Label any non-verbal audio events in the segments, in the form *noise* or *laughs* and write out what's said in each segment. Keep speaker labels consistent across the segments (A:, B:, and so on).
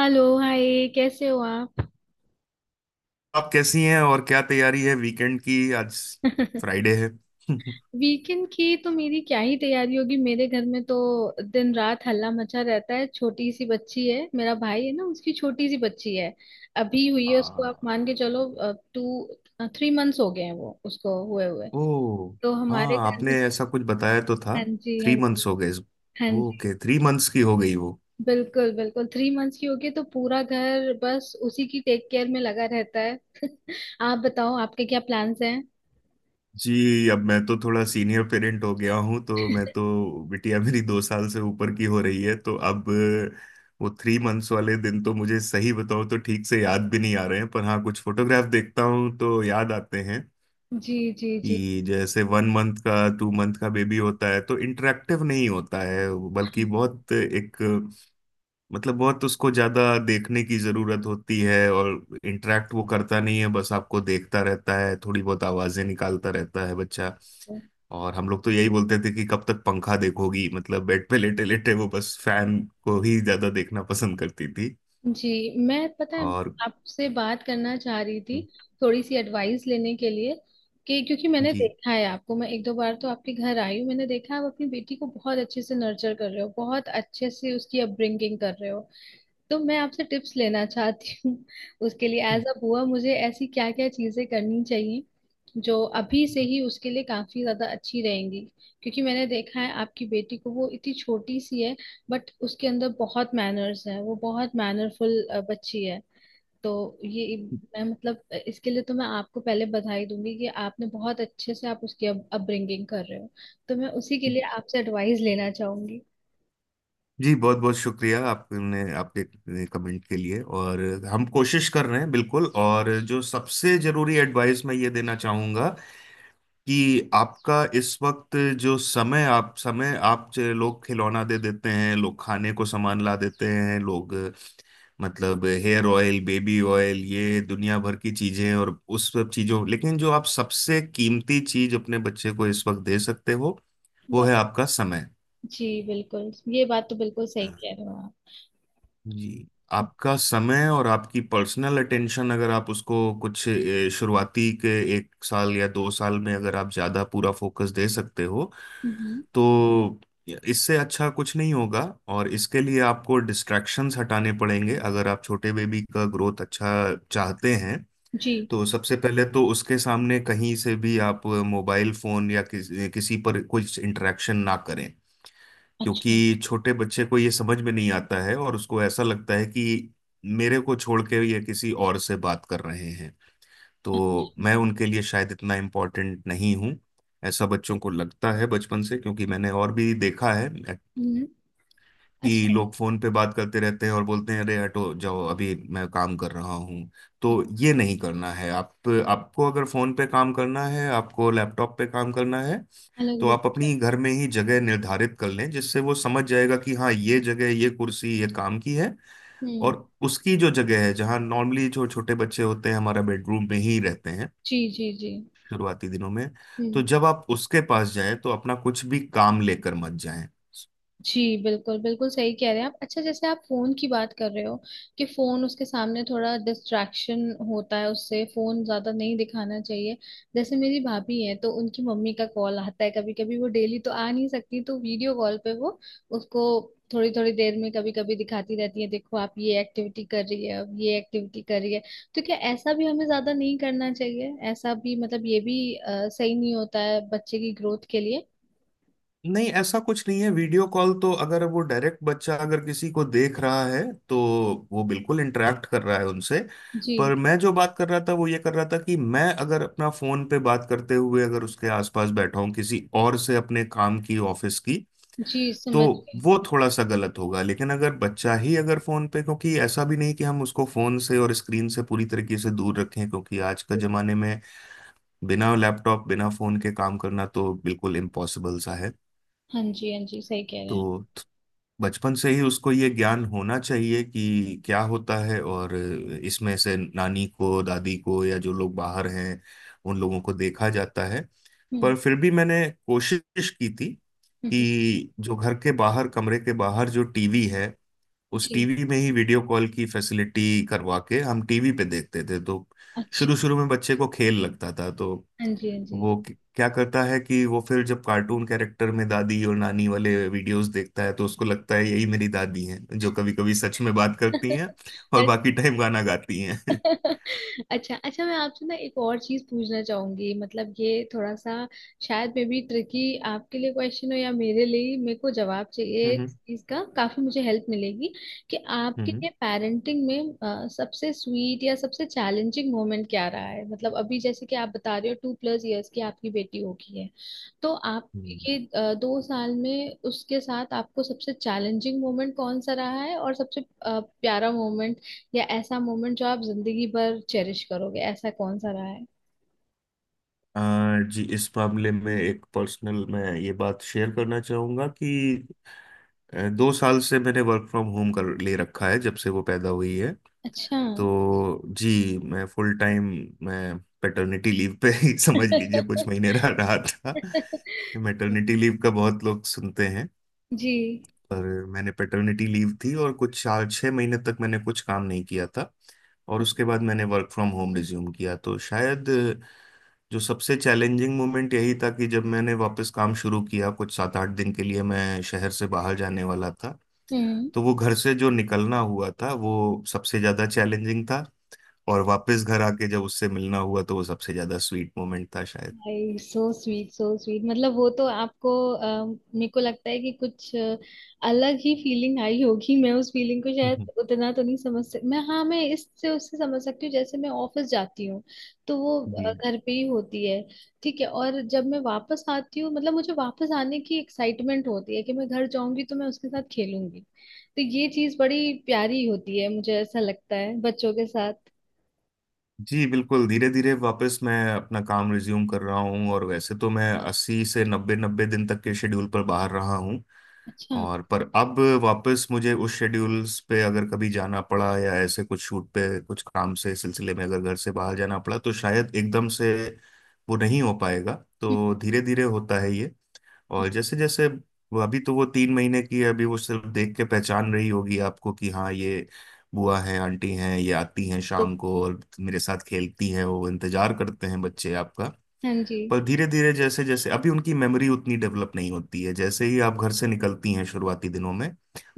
A: Hello hi, कैसे हो आप?
B: आप कैसी हैं? और क्या तैयारी है वीकेंड की आज?
A: *laughs*
B: फ्राइडे है। *laughs*
A: वीकेंड की तो मेरी क्या ही तैयारी होगी, मेरे घर में तो दिन रात हल्ला मचा रहता है। छोटी सी बच्ची है, मेरा भाई है ना, उसकी छोटी सी बच्ची है, अभी हुई है उसको,
B: आ,
A: आप मान के चलो। 2-3 मंथ्स हो गए हैं वो उसको हुए हुए।
B: ओ।
A: तो हमारे
B: हाँ,
A: घर में
B: आपने
A: तो।
B: ऐसा कुछ बताया तो था।
A: हाँ जी हाँ
B: थ्री मंथ्स
A: जी।
B: हो गए इस-
A: हाँ जी।
B: ओके, थ्री मंथ्स की हो गई वो।
A: बिल्कुल बिल्कुल, 3 मंथ्स की होगी, तो पूरा घर बस उसी की टेक केयर में लगा रहता है। *laughs* आप बताओ, आपके क्या प्लान्स हैं?
B: जी, अब मैं तो थोड़ा सीनियर पेरेंट हो गया हूँ, तो मैं तो बिटिया मेरी 2 साल से ऊपर की हो रही है, तो अब वो थ्री मंथ्स वाले दिन तो मुझे सही बताऊँ तो ठीक से याद भी नहीं आ रहे हैं, पर हाँ, कुछ फोटोग्राफ देखता हूँ तो याद आते हैं
A: जी जी
B: कि जैसे 1 मंथ का 2 मंथ का बेबी होता है तो इंटरेक्टिव नहीं होता है। बल्कि बहुत एक मतलब बहुत उसको ज्यादा देखने की जरूरत होती है, और इंटरेक्ट वो करता नहीं है, बस आपको देखता रहता है, थोड़ी बहुत आवाजें निकालता रहता है बच्चा।
A: जी
B: और हम लोग तो यही बोलते थे कि कब तक पंखा देखोगी, मतलब बेड पे लेटे लेटे वो बस फैन को ही ज्यादा देखना पसंद करती थी।
A: जी। मैं, पता है,
B: और
A: आपसे बात करना चाह रही थी, थोड़ी सी एडवाइस लेने के लिए। कि क्योंकि मैंने
B: जी
A: देखा है आपको, मैं एक दो बार तो आपके घर आई हूँ, मैंने देखा है आप अपनी बेटी को बहुत अच्छे से नर्चर कर रहे हो, बहुत अच्छे से उसकी अपब्रिंगिंग कर रहे हो। तो मैं आपसे टिप्स लेना चाहती हूँ। *laughs* उसके लिए एज अ बुआ मुझे ऐसी क्या क्या चीजें करनी चाहिए जो अभी से ही उसके लिए काफी ज्यादा अच्छी रहेंगी। क्योंकि मैंने देखा है आपकी बेटी को, वो इतनी छोटी सी है बट उसके अंदर बहुत मैनर्स है, वो बहुत मैनरफुल बच्ची है। तो ये, मैं, मतलब, इसके लिए तो मैं आपको पहले बधाई दूंगी कि आपने बहुत अच्छे से आप उसकी अपब्रिंगिंग कर रहे हो। तो मैं उसी के लिए आपसे एडवाइस लेना चाहूंगी।
B: जी, बहुत बहुत शुक्रिया, आपने आपके कमेंट के लिए। और हम कोशिश कर रहे हैं बिल्कुल। और जो सबसे जरूरी एडवाइस मैं ये देना चाहूँगा कि आपका इस वक्त जो समय आप ज- लोग खिलौना दे देते हैं, लोग खाने को सामान ला देते हैं, लोग मतलब हेयर ऑयल, बेबी ऑयल, ये दुनिया भर की चीज़ें। और उस सब चीज़ों, लेकिन जो आप सबसे कीमती चीज़ अपने बच्चे को इस वक्त दे सकते हो, वो
A: वाह!
B: है आपका समय।
A: जी बिल्कुल, ये बात तो बिल्कुल सही कह रहे हो आप।
B: जी, आपका समय और आपकी पर्सनल अटेंशन अगर आप उसको कुछ शुरुआती के 1 साल या 2 साल में अगर आप ज़्यादा पूरा फोकस दे सकते हो
A: हम्म।
B: तो इससे अच्छा कुछ नहीं होगा। और इसके लिए आपको डिस्ट्रैक्शंस हटाने पड़ेंगे अगर आप छोटे बेबी का ग्रोथ अच्छा चाहते हैं।
A: जी।
B: तो सबसे पहले तो उसके सामने कहीं से भी आप मोबाइल फोन या किसी पर कुछ इंटरेक्शन ना करें।
A: अच्छा
B: क्योंकि छोटे बच्चे को ये समझ में नहीं आता है, और उसको ऐसा लगता है कि मेरे को छोड़ के ये किसी और से बात कर रहे हैं, तो
A: अच्छा।
B: मैं उनके लिए शायद इतना इम्पोर्टेंट नहीं हूँ। ऐसा बच्चों को लगता है बचपन से, क्योंकि मैंने और भी देखा है
A: हम्म।
B: कि
A: अच्छा।
B: लोग फोन पे बात करते रहते हैं और बोलते हैं, अरे हटो जाओ, अभी मैं काम कर रहा हूँ। तो ये नहीं करना है। आप, आपको अगर फोन पे काम करना है, आपको लैपटॉप पे काम करना है,
A: अलग
B: तो
A: रूप।
B: आप अपनी घर में ही जगह निर्धारित कर लें, जिससे वो समझ जाएगा कि हाँ, ये जगह, ये कुर्सी ये काम की है।
A: हम्म।
B: और उसकी जो जगह है जहाँ नॉर्मली जो छोटे बच्चे होते हैं, हमारा बेडरूम में ही रहते हैं
A: जी जी जी।
B: शुरुआती दिनों में, तो
A: हम्म।
B: जब आप उसके पास जाएं तो अपना कुछ भी काम लेकर मत जाएं।
A: जी बिल्कुल बिल्कुल सही कह रहे हैं आप। अच्छा, जैसे आप फोन की बात कर रहे हो कि फोन उसके सामने थोड़ा डिस्ट्रैक्शन होता है, उससे फोन ज्यादा नहीं दिखाना चाहिए। जैसे मेरी भाभी है तो उनकी मम्मी का कॉल आता है, कभी कभी, वो डेली तो आ नहीं सकती, तो वीडियो कॉल पे वो उसको थोड़ी थोड़ी देर में कभी कभी दिखाती रहती है, देखो आप ये एक्टिविटी कर रही है, अब ये एक्टिविटी कर रही है। तो क्या ऐसा भी हमें ज्यादा नहीं करना चाहिए? ऐसा भी, मतलब, ये भी सही नहीं होता है बच्चे की ग्रोथ के लिए?
B: नहीं, ऐसा कुछ नहीं है। वीडियो कॉल तो अगर वो डायरेक्ट बच्चा अगर किसी को देख रहा है, तो वो बिल्कुल इंटरेक्ट कर रहा है उनसे।
A: जी
B: पर मैं जो बात कर रहा था वो ये कर रहा था कि मैं अगर अपना फोन पे बात करते हुए अगर उसके आसपास बैठा हूँ किसी और से, अपने काम की, ऑफिस की,
A: जी,
B: तो
A: समझ गई।
B: वो थोड़ा सा गलत होगा। लेकिन अगर बच्चा ही अगर फोन पे, क्योंकि ऐसा भी नहीं कि हम उसको फोन से और स्क्रीन से पूरी तरीके से दूर रखें, क्योंकि आज के जमाने में बिना लैपटॉप बिना फोन के काम करना तो बिल्कुल इम्पॉसिबल सा है।
A: हाँ जी हाँ जी, सही कह रहे हैं आप।
B: तो बचपन से ही उसको ये ज्ञान होना चाहिए कि क्या होता है, और इसमें से नानी को, दादी को, या जो लोग बाहर हैं उन लोगों को देखा जाता है।
A: हम्म।
B: पर फिर भी मैंने कोशिश की थी
A: हम्म। हम्म।
B: कि जो घर के बाहर, कमरे के बाहर जो टीवी है, उस
A: जी।
B: टीवी में ही वीडियो कॉल की फैसिलिटी करवा के हम टीवी पे देखते थे। तो
A: अच्छा।
B: शुरू शुरू में बच्चे को खेल लगता था, तो
A: हाँ जी हाँ जी।
B: वो क्या करता है कि वो फिर जब कार्टून कैरेक्टर में दादी और नानी वाले वीडियोस देखता है तो उसको लगता है यही मेरी दादी हैं जो कभी कभी सच में बात करती
A: *laughs*
B: हैं और
A: और।
B: बाकी टाइम गाना गाती हैं। *laughs*
A: *laughs* अच्छा अच्छा, मैं आपसे ना एक और चीज पूछना चाहूंगी, मतलब ये थोड़ा सा शायद मे बी ट्रिकी आपके लिए क्वेश्चन हो, या मेरे लिए, मेरे को जवाब चाहिए इस
B: हम्म।
A: चीज का, काफी मुझे हेल्प मिलेगी। कि आपके
B: हम्म।
A: लिए पेरेंटिंग में सबसे स्वीट या सबसे चैलेंजिंग मोमेंट क्या रहा है? मतलब अभी, जैसे कि आप बता रहे हो, 2+ इयर्स की आपकी बेटी होगी, है। तो आप,
B: हम्म।
A: ये 2 साल में उसके साथ आपको सबसे चैलेंजिंग मोमेंट कौन सा रहा है, और सबसे प्यारा मोमेंट, या ऐसा मोमेंट जो आप जिंदगी भर चेरिश करोगे, ऐसा कौन सा रहा है?
B: जी, इस मामले में एक पर्सनल मैं ये बात शेयर करना चाहूंगा कि 2 साल से मैंने वर्क फ्रॉम होम कर ले रखा है, जब से वो पैदा हुई है।
A: अच्छा।
B: तो जी, मैं फुल टाइम, मैं पेटर्निटी लीव पे ही *laughs* समझ लीजिए कुछ महीने रह रहा था। मैटरनिटी
A: *laughs*
B: लीव का बहुत लोग सुनते हैं,
A: जी।
B: पर मैंने पेटर्निटी लीव थी, और कुछ 4 6 महीने तक मैंने कुछ काम नहीं किया था। और उसके बाद मैंने वर्क फ्रॉम होम रिज्यूम किया, तो शायद जो सबसे चैलेंजिंग मोमेंट यही था कि जब मैंने वापस काम शुरू किया, कुछ 7 8 दिन के लिए मैं शहर से बाहर जाने वाला था,
A: हम्म।
B: तो वो घर से जो निकलना हुआ था वो सबसे ज़्यादा चैलेंजिंग था। और वापस घर आके जब उससे मिलना हुआ तो वो सबसे ज्यादा स्वीट मोमेंट था शायद।
A: I, so sweet, so sweet! मतलब वो तो आपको मेरे को लगता है कि कुछ अलग ही फीलिंग आई होगी। मैं उस फीलिंग को शायद
B: हम्म।
A: उतना तो नहीं समझ सकती, मैं, हाँ, मैं इससे उससे समझ सकती हूँ, जैसे मैं ऑफिस जाती हूँ तो वो
B: जी
A: घर पे ही होती है। ठीक है, और जब मैं वापस आती हूँ, मतलब मुझे वापस आने की एक्साइटमेंट होती है कि मैं घर जाऊंगी तो मैं उसके साथ खेलूंगी, तो ये चीज बड़ी प्यारी होती है, मुझे ऐसा लगता है बच्चों के साथ।
B: जी बिल्कुल, धीरे धीरे वापस मैं अपना काम रिज्यूम कर रहा हूँ, और वैसे तो मैं अस्सी से नब्बे नब्बे दिन तक के शेड्यूल पर बाहर रहा हूँ।
A: अच्छा।
B: और पर अब वापस मुझे उस शेड्यूल्स पे अगर कभी जाना पड़ा या ऐसे कुछ शूट पे कुछ काम से सिलसिले में अगर घर से बाहर जाना पड़ा तो शायद एकदम से वो नहीं हो पाएगा। तो धीरे धीरे होता है ये। और जैसे
A: *laughs*
B: जैसे वो, अभी तो वो 3 महीने की है, अभी वो सिर्फ देख के पहचान रही होगी आपको कि हाँ, ये बुआ है, आंटी हैं, ये आती हैं शाम को और मेरे साथ खेलती हैं, वो इंतजार करते हैं बच्चे आपका।
A: हाँ जी।
B: पर धीरे धीरे, जैसे जैसे, अभी उनकी मेमोरी उतनी डेवलप नहीं होती है, जैसे ही आप घर से निकलती हैं शुरुआती दिनों में,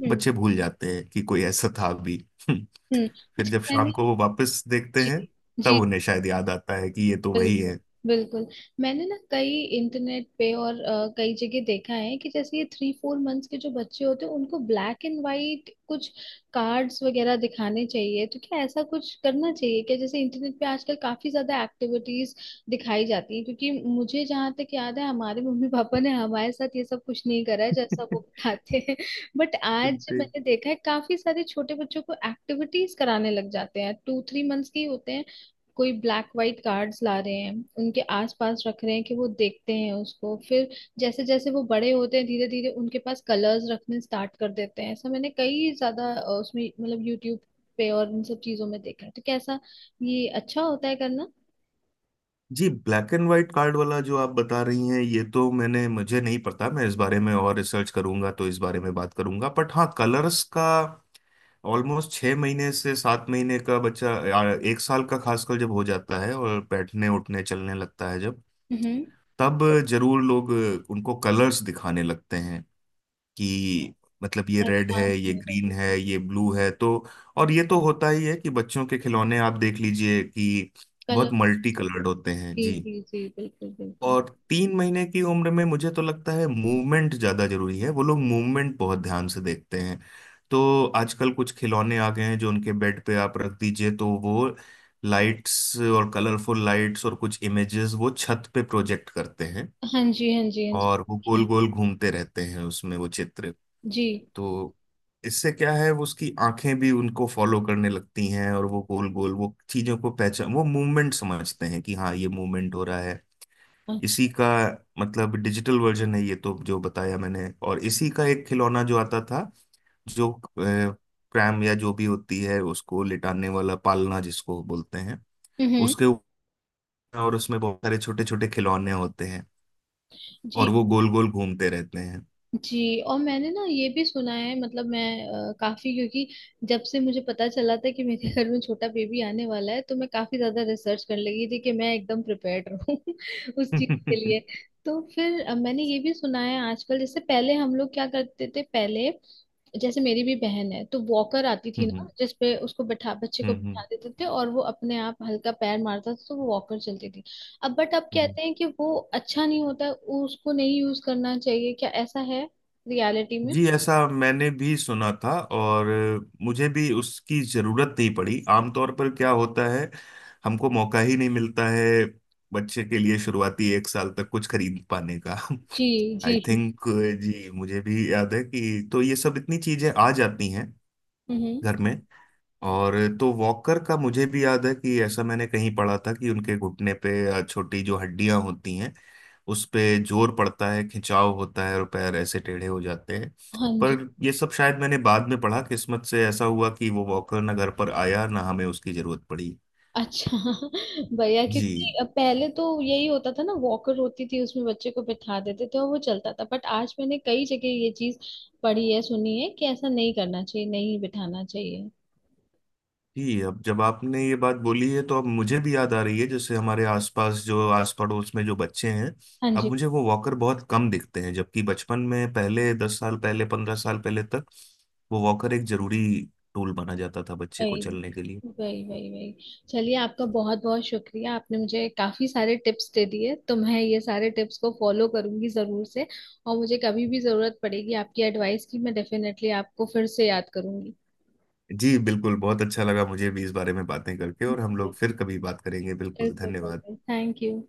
A: हम्म
B: बच्चे भूल जाते हैं कि कोई ऐसा था भी। *laughs* फिर
A: हम्म। अच्छा,
B: जब
A: मैंने।
B: शाम को वो वापस देखते
A: जी
B: हैं,
A: जी,
B: तब उन्हें शायद याद आता है कि ये तो वही
A: बिल्कुल
B: है।
A: बिल्कुल। मैंने ना कई, इंटरनेट पे और कई जगह देखा है कि जैसे ये 3-4 मंथ्स के जो बच्चे होते हैं उनको ब्लैक एंड वाइट कुछ कार्ड्स वगैरह दिखाने चाहिए, तो क्या ऐसा कुछ करना चाहिए क्या, जैसे इंटरनेट पे आजकल काफी ज्यादा एक्टिविटीज दिखाई जाती है, क्योंकि मुझे जहाँ तक याद है हमारे मम्मी पापा ने हमारे साथ ये सब कुछ नहीं करा है जैसा वो बताते हैं। *laughs* बट आज मैंने
B: *laughs*
A: देखा है काफी सारे छोटे बच्चों को एक्टिविटीज कराने लग जाते हैं, 2-3 मंथ्स के ही होते हैं, कोई ब्लैक वाइट कार्ड्स ला रहे हैं, उनके आसपास रख रहे हैं कि वो देखते हैं उसको। फिर जैसे जैसे वो बड़े होते हैं, धीरे धीरे उनके पास कलर्स रखने स्टार्ट कर देते हैं। ऐसा मैंने कई ज्यादा उसमें, मतलब, यूट्यूब पे और इन सब चीजों में देखा है। तो कैसा, ये अच्छा होता है करना?
B: जी, ब्लैक एंड व्हाइट कार्ड वाला जो आप बता रही हैं, ये तो मैंने, मुझे नहीं पता, मैं इस बारे में और रिसर्च करूंगा तो इस बारे में बात करूंगा। बट हाँ, कलर्स का ऑलमोस्ट 6 महीने से 7 महीने का बच्चा या 1 साल का खासकर जब हो जाता है और बैठने उठने चलने लगता है जब,
A: हम्म।
B: तब जरूर लोग उनको कलर्स दिखाने लगते हैं कि मतलब ये रेड
A: पहचान
B: है,
A: हो
B: ये ग्रीन
A: जाएगी।
B: है, ये ब्लू है। तो, और ये तो होता ही है कि बच्चों के खिलौने आप देख लीजिए कि बहुत
A: कलर।
B: मल्टी कलर्ड होते हैं
A: जी
B: जी।
A: जी जी, बिल्कुल बिल्कुल।
B: और 3 महीने की उम्र में मुझे तो लगता है मूवमेंट ज्यादा जरूरी है, वो लोग मूवमेंट बहुत ध्यान से देखते हैं। तो आजकल कुछ खिलौने आ गए हैं जो उनके बेड पे आप रख दीजिए तो वो लाइट्स और कलरफुल लाइट्स और कुछ इमेजेस वो छत पे प्रोजेक्ट करते हैं,
A: हाँ जी हाँ जी हाँ।
B: और वो
A: जी।
B: गोल गोल घूमते रहते हैं उसमें वो चित्र।
A: जी।
B: तो इससे क्या है, वो उसकी आंखें भी उनको फॉलो करने लगती हैं और वो गोल गोल वो चीजों को पहचान, वो मूवमेंट समझते हैं कि हाँ, ये मूवमेंट हो रहा है। इसी
A: अच्छा।
B: का मतलब डिजिटल वर्जन है ये तो, जो बताया मैंने। और इसी का एक खिलौना जो आता था, जो क्रैम या जो भी होती है उसको लिटाने वाला, पालना जिसको बोलते हैं,
A: हम्म।
B: उसके ऊपर, और उसमें बहुत सारे छोटे छोटे खिलौने होते हैं, और
A: जी।
B: वो गोल गोल घूमते रहते हैं।
A: जी। और मैंने ना ये भी सुना है, मतलब मैं काफी, क्योंकि जब से मुझे पता चला था कि मेरे घर में छोटा बेबी आने वाला है तो मैं काफी ज्यादा रिसर्च करने लगी थी कि मैं एकदम प्रिपेयर्ड रहूं। *laughs* उस
B: *laughs*
A: चीज के
B: हम्म।
A: लिए। तो फिर मैंने ये भी सुना है आजकल, जैसे पहले हम लोग क्या करते थे, पहले, जैसे मेरी भी बहन है, तो वॉकर आती थी ना
B: हम्म।
A: जिसपे उसको बैठा, बच्चे को बैठा
B: हम्म।
A: देते थे और वो अपने आप हल्का पैर मारता था तो वो वॉकर चलती थी। अब बट अब
B: हम्म।
A: कहते हैं कि वो अच्छा नहीं होता, उसको नहीं यूज करना चाहिए। क्या ऐसा है रियलिटी में?
B: जी, ऐसा मैंने भी सुना था, और मुझे भी उसकी जरूरत नहीं पड़ी। आमतौर पर क्या होता है, हमको मौका ही नहीं मिलता है बच्चे के लिए शुरुआती 1 साल तक कुछ खरीद पाने का। *laughs*
A: जी जी।
B: आई थिंक, जी मुझे भी याद है कि, तो ये सब इतनी चीजें आ जाती हैं
A: हम्म।
B: घर में। और तो वॉकर का मुझे भी याद है कि ऐसा मैंने कहीं पढ़ा था कि उनके घुटने पे छोटी जो हड्डियां होती हैं उस पे जोर पड़ता है, खिंचाव होता है, और पैर ऐसे टेढ़े हो जाते हैं।
A: हाँ जी।
B: पर ये सब शायद मैंने बाद में पढ़ा, किस्मत से ऐसा हुआ कि वो वॉकर ना घर पर आया ना हमें उसकी जरूरत पड़ी।
A: अच्छा। *laughs* भैया,
B: जी,
A: क्योंकि पहले तो यही होता था ना, वॉकर होती थी, उसमें बच्चे को बिठा देते थे और वो चलता था, बट आज मैंने कई जगह ये चीज पढ़ी है, सुनी है, कि ऐसा नहीं करना चाहिए, नहीं बिठाना चाहिए।
B: जी, अब जब आपने ये बात बोली है तो अब मुझे भी याद आ रही है, जैसे हमारे आसपास जो आस पड़ोस में जो बच्चे हैं,
A: हाँ
B: अब
A: जी।
B: मुझे वो वॉकर बहुत कम दिखते हैं, जबकि बचपन में, पहले 10 साल पहले, 15 साल पहले तक वो वॉकर एक जरूरी टूल माना जाता था बच्चे को
A: वही
B: चलने के लिए।
A: वही वही वही। चलिए, आपका बहुत बहुत शुक्रिया, आपने मुझे काफी सारे टिप्स दे दिए, तो मैं ये सारे टिप्स को फॉलो करूंगी जरूर से। और मुझे कभी भी जरूरत पड़ेगी आपकी एडवाइस की, मैं डेफिनेटली आपको फिर से याद करूंगी।
B: जी बिल्कुल, बहुत अच्छा लगा मुझे भी इस बारे में बातें करके, और हम लोग फिर कभी बात करेंगे। बिल्कुल,
A: बिल्कुल
B: धन्यवाद।
A: बिल्कुल, थैंक यू।